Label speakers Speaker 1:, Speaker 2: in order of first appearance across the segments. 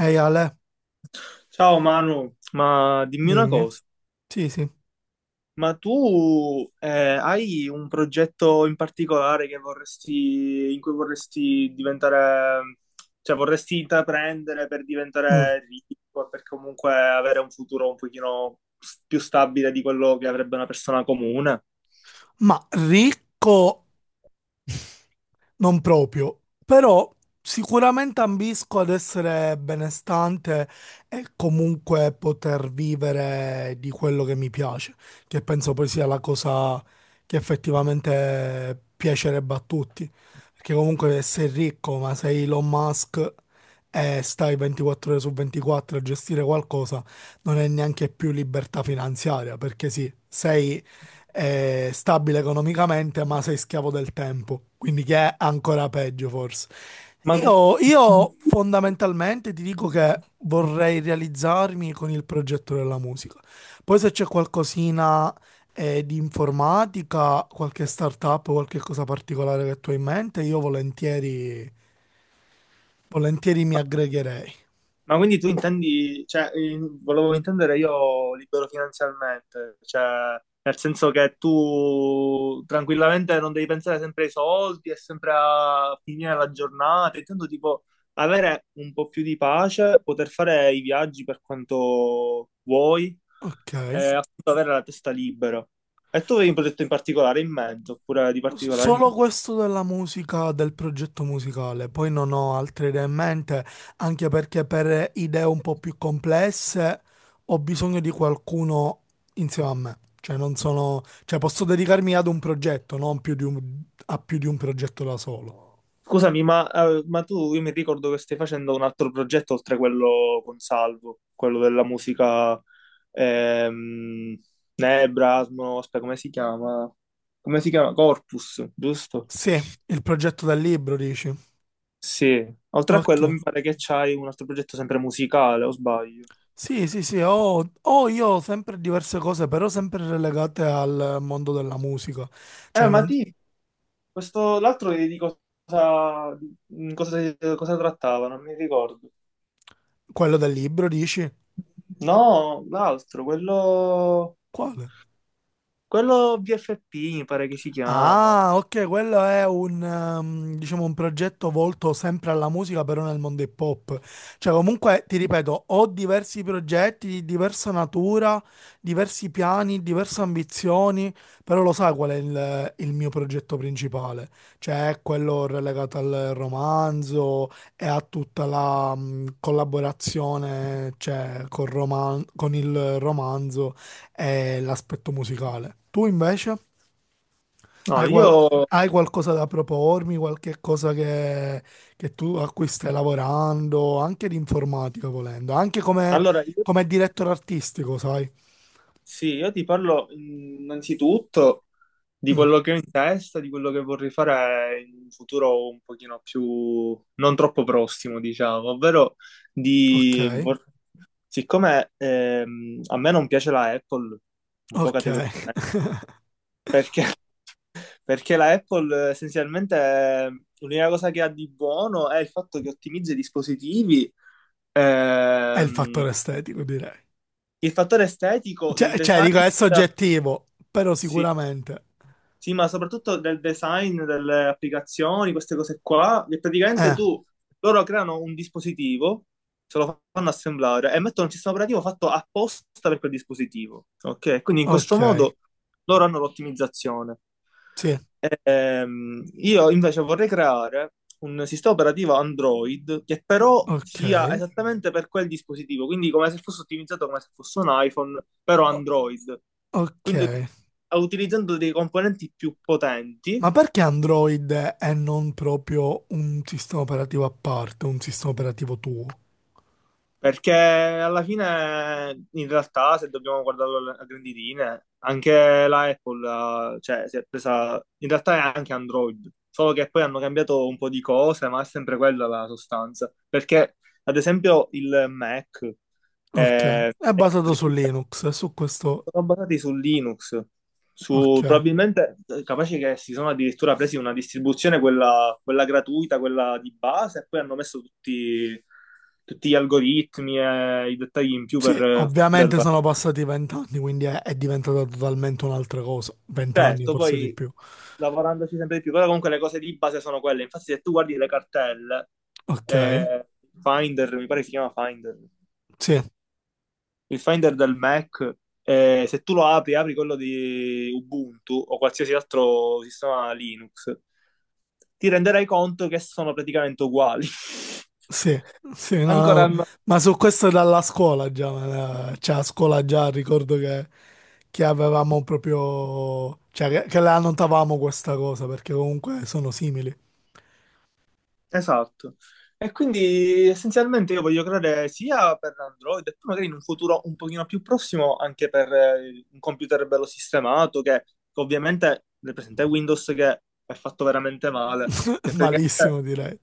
Speaker 1: Ehi Ale,
Speaker 2: Ciao Manu, ma dimmi una
Speaker 1: dimmi.
Speaker 2: cosa,
Speaker 1: Sì, sì.
Speaker 2: ma tu hai un progetto in particolare che vorresti, in cui vorresti diventare, cioè vorresti intraprendere per
Speaker 1: Mm.
Speaker 2: diventare ricco, e per comunque avere un futuro un pochino più stabile di quello che avrebbe una persona comune?
Speaker 1: Ma ricco. Non proprio, però sicuramente ambisco ad essere benestante e comunque poter vivere di quello che mi piace, che penso poi sia la cosa che effettivamente piacerebbe a tutti. Perché comunque sei ricco, ma sei Elon Musk e stai 24 ore su 24 a gestire qualcosa, non è neanche più libertà finanziaria, perché sì, sei è stabile economicamente, ma sei schiavo del tempo, quindi che è ancora peggio forse.
Speaker 2: Ma...
Speaker 1: Io fondamentalmente ti dico che vorrei realizzarmi con il progetto della musica. Poi se c'è qualcosina di informatica, qualche startup, qualche cosa particolare che tu hai in mente, io volentieri, volentieri mi aggregherei.
Speaker 2: Ma quindi tu intendi, cioè, volevo intendere io libero finanzialmente, cioè, nel senso che tu tranquillamente non devi pensare sempre ai soldi e sempre a finire la giornata, intendo tipo avere un po' più di pace, poter fare i viaggi per quanto vuoi
Speaker 1: Ok.
Speaker 2: e appunto avere la testa libera. E tu avevi un progetto in particolare in mente, oppure di particolare in
Speaker 1: Solo
Speaker 2: mente?
Speaker 1: questo della musica, del progetto musicale, poi non ho altre idee in mente, anche perché per idee un po' più complesse ho bisogno di qualcuno insieme a me, cioè non sono, cioè posso dedicarmi ad un progetto, non più di a più di un progetto da solo.
Speaker 2: Scusami, ma tu, io mi ricordo che stai facendo un altro progetto oltre quello con Salvo, quello della musica, ehm, Nebra, Asmo, aspetta, come si chiama? Come si chiama? Corpus, giusto?
Speaker 1: Sì, il progetto del libro, dici?
Speaker 2: Sì. Oltre a
Speaker 1: Ok.
Speaker 2: quello mi pare che c'hai un altro progetto sempre musicale, o sbaglio?
Speaker 1: Sì, sì, sì, ho, ho io ho sempre diverse cose, però sempre relegate al mondo della musica, cioè
Speaker 2: Ma ti, questo, l'altro di cosa, di cosa, cosa trattava? Non mi ricordo.
Speaker 1: quello del libro, dici?
Speaker 2: No, l'altro, quello,
Speaker 1: Quale?
Speaker 2: quello BFP mi pare che si chiama.
Speaker 1: Ah, ok, quello è un, diciamo, un progetto volto sempre alla musica, però nel mondo hip hop. Cioè, comunque, ti ripeto, ho diversi progetti di diversa natura, diversi piani, diverse ambizioni, però lo sai qual è il mio progetto principale? Cioè, è quello relegato al romanzo e a tutta la, collaborazione, cioè, con il romanzo e l'aspetto musicale. Tu invece?
Speaker 2: No,
Speaker 1: Hai,
Speaker 2: io
Speaker 1: qual- hai qualcosa da propormi, qualche cosa che tu a cui stai lavorando, anche di informatica volendo, anche come,
Speaker 2: allora io,
Speaker 1: come direttore artistico, sai?
Speaker 2: sì, io ti parlo innanzitutto di
Speaker 1: Mm,
Speaker 2: quello che ho in testa, di quello che vorrei fare in un futuro un pochino più non troppo prossimo, diciamo, ovvero
Speaker 1: ok,
Speaker 2: di vor- siccome a me non piace la Apple, un po'
Speaker 1: ok.
Speaker 2: categoricamente, perché, perché la Apple essenzialmente l'unica cosa che ha di buono è il fatto che ottimizza i dispositivi,
Speaker 1: È il
Speaker 2: ehm,
Speaker 1: fattore estetico, direi.
Speaker 2: il fattore estetico del
Speaker 1: Cioè, cioè,
Speaker 2: design.
Speaker 1: dico, è soggettivo, però
Speaker 2: Sì,
Speaker 1: sicuramente.
Speaker 2: sì, ma soprattutto del design delle applicazioni, queste cose qua, che praticamente
Speaker 1: Eh,
Speaker 2: tu, loro creano un dispositivo, se lo fanno assemblare e mettono un sistema operativo fatto apposta per quel dispositivo, ok? Quindi in
Speaker 1: ok,
Speaker 2: questo modo loro hanno l'ottimizzazione.
Speaker 1: sì,
Speaker 2: Io invece vorrei creare un sistema operativo Android che però sia
Speaker 1: ok,
Speaker 2: esattamente per quel dispositivo, quindi come se fosse ottimizzato come se fosse un iPhone, però
Speaker 1: o-
Speaker 2: Android.
Speaker 1: ok.
Speaker 2: Quindi utilizzando dei componenti più potenti.
Speaker 1: Ma perché Android è non proprio un sistema operativo a parte, un sistema operativo tuo?
Speaker 2: Perché alla fine, in realtà, se dobbiamo guardarlo a grandi linee, anche la Apple, cioè, si è presa, in realtà è anche Android, solo che poi hanno cambiato un po' di cose, ma è sempre quella la sostanza. Perché, ad esempio, il Mac
Speaker 1: Ok,
Speaker 2: è,
Speaker 1: è
Speaker 2: è
Speaker 1: basato su Linux, su questo.
Speaker 2: sono basati su Linux,
Speaker 1: Ok.
Speaker 2: su, probabilmente capace che si sono addirittura presi una distribuzione, quella, quella gratuita, quella di base, e poi hanno messo tutti, tutti gli algoritmi e i dettagli in più
Speaker 1: Sì,
Speaker 2: per
Speaker 1: ovviamente
Speaker 2: renderla.
Speaker 1: sono passati 20 anni, quindi è diventata totalmente un'altra cosa. 20 anni,
Speaker 2: Certo,
Speaker 1: forse di
Speaker 2: poi
Speaker 1: più.
Speaker 2: lavorandoci sempre di più, però comunque le cose di base sono quelle. Infatti, se tu guardi le cartelle,
Speaker 1: Ok,
Speaker 2: eh, Finder, mi pare si chiama Finder,
Speaker 1: sì,
Speaker 2: il Finder del Mac, se tu lo apri, apri quello di Ubuntu o qualsiasi altro sistema Linux, ti renderai conto che sono praticamente uguali.
Speaker 1: sì, sì, no,
Speaker 2: Ancora
Speaker 1: no.
Speaker 2: Mm.
Speaker 1: Ma su questo dalla scuola già, ma, cioè a scuola già ricordo che avevamo proprio. Cioè che la annotavamo questa cosa, perché comunque sono simili.
Speaker 2: Esatto. E quindi essenzialmente io voglio creare sia per Android e poi magari in un futuro un pochino più prossimo anche per un computer bello sistemato che ovviamente nel presente è Windows, che è fatto veramente male, che praticamente,
Speaker 1: Malissimo direi.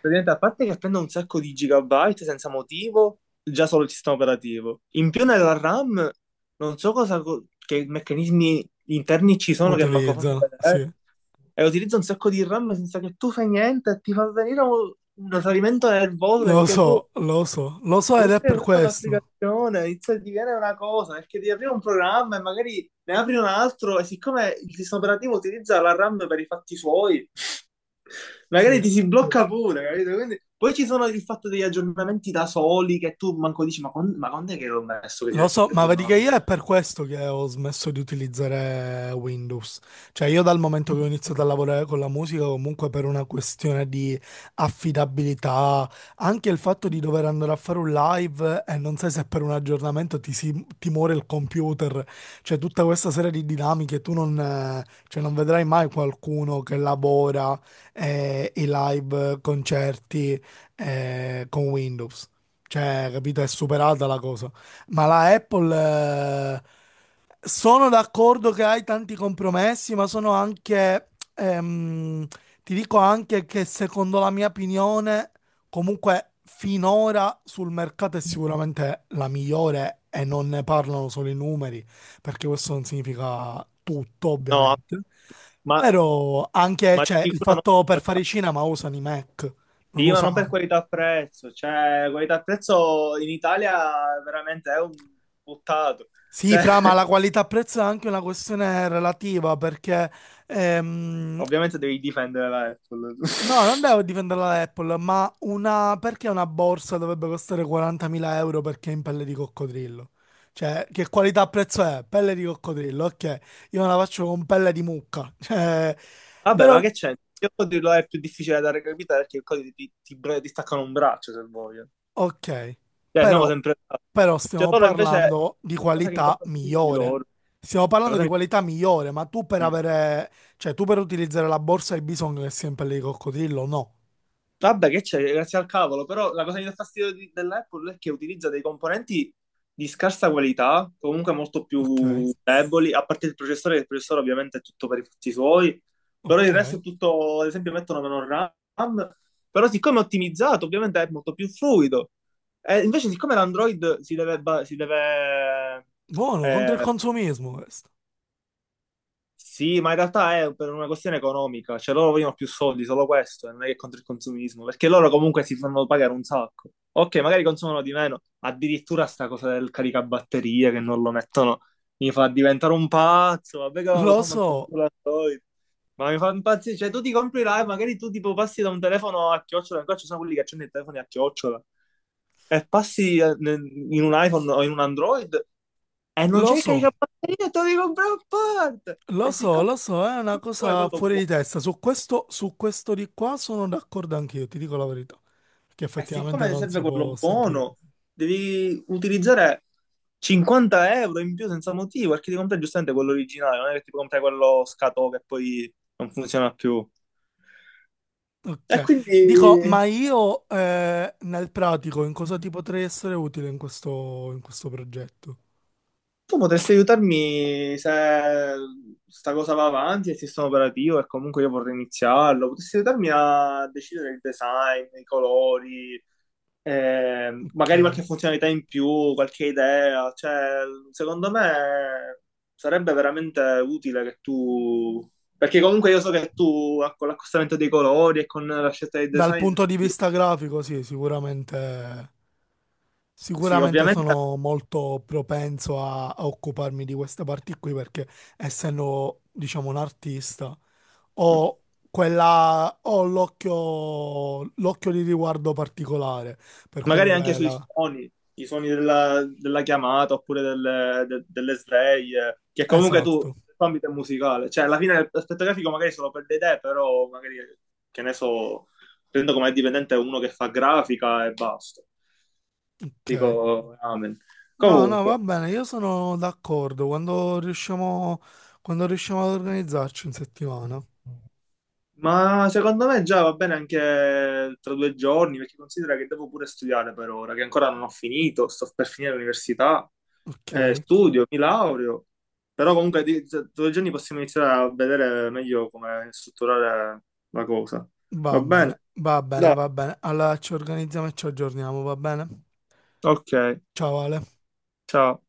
Speaker 2: praticamente, a parte che prende un sacco di gigabyte senza motivo, già solo il sistema operativo. In più nella RAM, non so cosa, che meccanismi gli interni ci sono che manco fanno
Speaker 1: Utilizzano, sì.
Speaker 2: vedere. E utilizza un sacco di RAM senza che tu fai niente e ti fa venire un salimento nervoso
Speaker 1: Lo
Speaker 2: perché tu,
Speaker 1: so, lo so, lo so
Speaker 2: tu
Speaker 1: ed è
Speaker 2: stai
Speaker 1: per
Speaker 2: usando
Speaker 1: questo.
Speaker 2: un'applicazione, inizia a divenire una cosa, perché ti arriva un programma e magari ne apri un altro e siccome il sistema operativo utilizza la RAM per i fatti suoi, magari
Speaker 1: Sì.
Speaker 2: ti si blocca pure, capito? Quindi, poi ci sono il fatto degli aggiornamenti da soli che tu manco dici, ma, con, ma quando è che l'ho messo che si
Speaker 1: Lo
Speaker 2: è
Speaker 1: so, ma vedi che
Speaker 2: aggiornato?
Speaker 1: io è per questo che ho smesso di utilizzare Windows. Cioè, io dal momento che ho iniziato a lavorare con la musica, comunque per una questione di affidabilità, anche il fatto di dover andare a fare un live e non sai se per un aggiornamento ti, si, ti muore il computer. Cioè, tutta questa serie di dinamiche, tu non, cioè, non vedrai mai qualcuno che lavora i live concerti con Windows. Cioè, capito? È superata la cosa. Ma la Apple, eh, sono d'accordo che hai tanti compromessi, ma sono anche, ehm, ti dico anche che secondo la mia opinione, comunque finora sul mercato è sicuramente la migliore e non ne parlano solo i numeri, perché questo non significa tutto,
Speaker 2: No,
Speaker 1: ovviamente.
Speaker 2: ma,
Speaker 1: Però anche,
Speaker 2: ma di
Speaker 1: cioè, il
Speaker 2: sicuro no.
Speaker 1: fatto per fare i cinema usano i Mac, non
Speaker 2: Sì, ma non
Speaker 1: usano.
Speaker 2: per qualità-prezzo, cioè qualità-prezzo in Italia veramente è un buttato.
Speaker 1: Sì,
Speaker 2: Cioè,
Speaker 1: Fra, ma la qualità-prezzo è anche una questione relativa perché, ehm,
Speaker 2: ovviamente devi difendere la Apple.
Speaker 1: no, non devo difendere la Apple, ma una, perché una borsa dovrebbe costare 40.000 euro perché è in pelle di coccodrillo? Cioè, che qualità-prezzo è? Pelle di coccodrillo, ok, io me la faccio con pelle di mucca, cioè,
Speaker 2: Vabbè,
Speaker 1: però.
Speaker 2: ma che c'è? Il codice lo è più difficile da recapitare perché il codice ti, ti, ti staccano un braccio se voglio.
Speaker 1: Ok,
Speaker 2: Cioè, siamo
Speaker 1: però,
Speaker 2: sempre là.
Speaker 1: però
Speaker 2: Cioè,
Speaker 1: stiamo
Speaker 2: loro invece,
Speaker 1: parlando di
Speaker 2: la cosa che mi dà
Speaker 1: qualità
Speaker 2: fastidio di
Speaker 1: migliore.
Speaker 2: loro,
Speaker 1: Stiamo
Speaker 2: la
Speaker 1: parlando
Speaker 2: cosa
Speaker 1: di
Speaker 2: che-
Speaker 1: qualità migliore, ma tu per
Speaker 2: Mm.
Speaker 1: avere, cioè tu per utilizzare la borsa hai bisogno che sia in pelle di coccodrillo? No.
Speaker 2: Vabbè, che c'è, grazie al cavolo, però la cosa che mi dà fastidio dell'Apple è che utilizza dei componenti di scarsa qualità, comunque molto
Speaker 1: Ok,
Speaker 2: più deboli, a parte il processore, che il processore ovviamente è tutto per i fatti suoi, però il resto è
Speaker 1: ok.
Speaker 2: tutto, ad esempio mettono meno RAM, però siccome è ottimizzato ovviamente è molto più fluido. E invece siccome l'Android si deve, si deve,
Speaker 1: Buono, contro il
Speaker 2: eh,
Speaker 1: consumismo questo.
Speaker 2: sì, ma in realtà è per una questione economica, cioè loro vogliono più soldi, solo questo, e non è che è contro il consumismo, perché loro comunque si fanno pagare un sacco. Ok, magari consumano di meno, addirittura sta cosa del caricabatterie che non lo mettono mi fa diventare un pazzo, vabbè che non lo
Speaker 1: Lo
Speaker 2: fa manco
Speaker 1: so,
Speaker 2: più l'Android, ma mi fa impazzire, cioè tu ti compri là e magari tu tipo passi da un telefono a chiocciola, ancora ci sono quelli che accendono i telefoni a chiocciola, e passi in un iPhone o in un Android e non
Speaker 1: lo
Speaker 2: cerca di
Speaker 1: so,
Speaker 2: capire, te lo devi comprare a parte.
Speaker 1: lo
Speaker 2: E
Speaker 1: so,
Speaker 2: siccome
Speaker 1: lo so, è una
Speaker 2: siccome vuole
Speaker 1: cosa
Speaker 2: quello
Speaker 1: fuori
Speaker 2: buono,
Speaker 1: di testa. Su questo di qua sono d'accordo anch'io, ti dico la verità. Perché
Speaker 2: e
Speaker 1: effettivamente
Speaker 2: siccome
Speaker 1: non
Speaker 2: serve
Speaker 1: si può
Speaker 2: quello
Speaker 1: sentire.
Speaker 2: buono, devi utilizzare 50 € in più senza motivo, perché ti compri giustamente quello originale, non è che ti compri quello scatò che poi non funziona più. E
Speaker 1: Ok,
Speaker 2: quindi
Speaker 1: dico, ma io nel pratico in cosa ti potrei essere utile in questo progetto?
Speaker 2: tu potresti aiutarmi se sta cosa va avanti, e il sistema operativo e comunque io vorrei iniziarlo, potresti aiutarmi a decidere il design, i colori,
Speaker 1: Ok,
Speaker 2: magari qualche funzionalità in più, qualche idea, cioè, secondo me sarebbe veramente utile che tu, perché comunque io so che tu con l'accostamento dei colori e con la scelta dei
Speaker 1: dal
Speaker 2: design,
Speaker 1: punto di
Speaker 2: sì,
Speaker 1: vista grafico, sì, sicuramente,
Speaker 2: sì,
Speaker 1: sicuramente
Speaker 2: ovviamente
Speaker 1: sono molto propenso a, a occuparmi di queste parti qui perché essendo, diciamo, un artista ho quella, ho l'occhio di riguardo particolare per
Speaker 2: magari
Speaker 1: quello che
Speaker 2: anche
Speaker 1: è
Speaker 2: sui
Speaker 1: la.
Speaker 2: suoni, i suoni della, della chiamata oppure delle, delle sveglie, che comunque tu,
Speaker 1: Esatto,
Speaker 2: l'ambito è musicale, cioè alla fine l'aspetto grafico magari solo per le idee, però magari, che ne so, prendo come dipendente uno che fa grafica e basta.
Speaker 1: ok.
Speaker 2: Dico, amen.
Speaker 1: No, no, va
Speaker 2: Comunque.
Speaker 1: bene, io sono d'accordo quando riusciamo ad organizzarci in settimana.
Speaker 2: Ma secondo me già va bene anche tra due giorni, perché considera che devo pure studiare per ora, che ancora non ho finito, sto per finire l'università,
Speaker 1: Ok,
Speaker 2: studio, mi laureo, però comunque tra due giorni possiamo iniziare a vedere meglio come strutturare la cosa.
Speaker 1: va
Speaker 2: Va bene?
Speaker 1: bene, va bene,
Speaker 2: Dai.
Speaker 1: va bene. Allora ci organizziamo e ci aggiorniamo, va bene?
Speaker 2: Ok,
Speaker 1: Ciao Ale.
Speaker 2: ciao.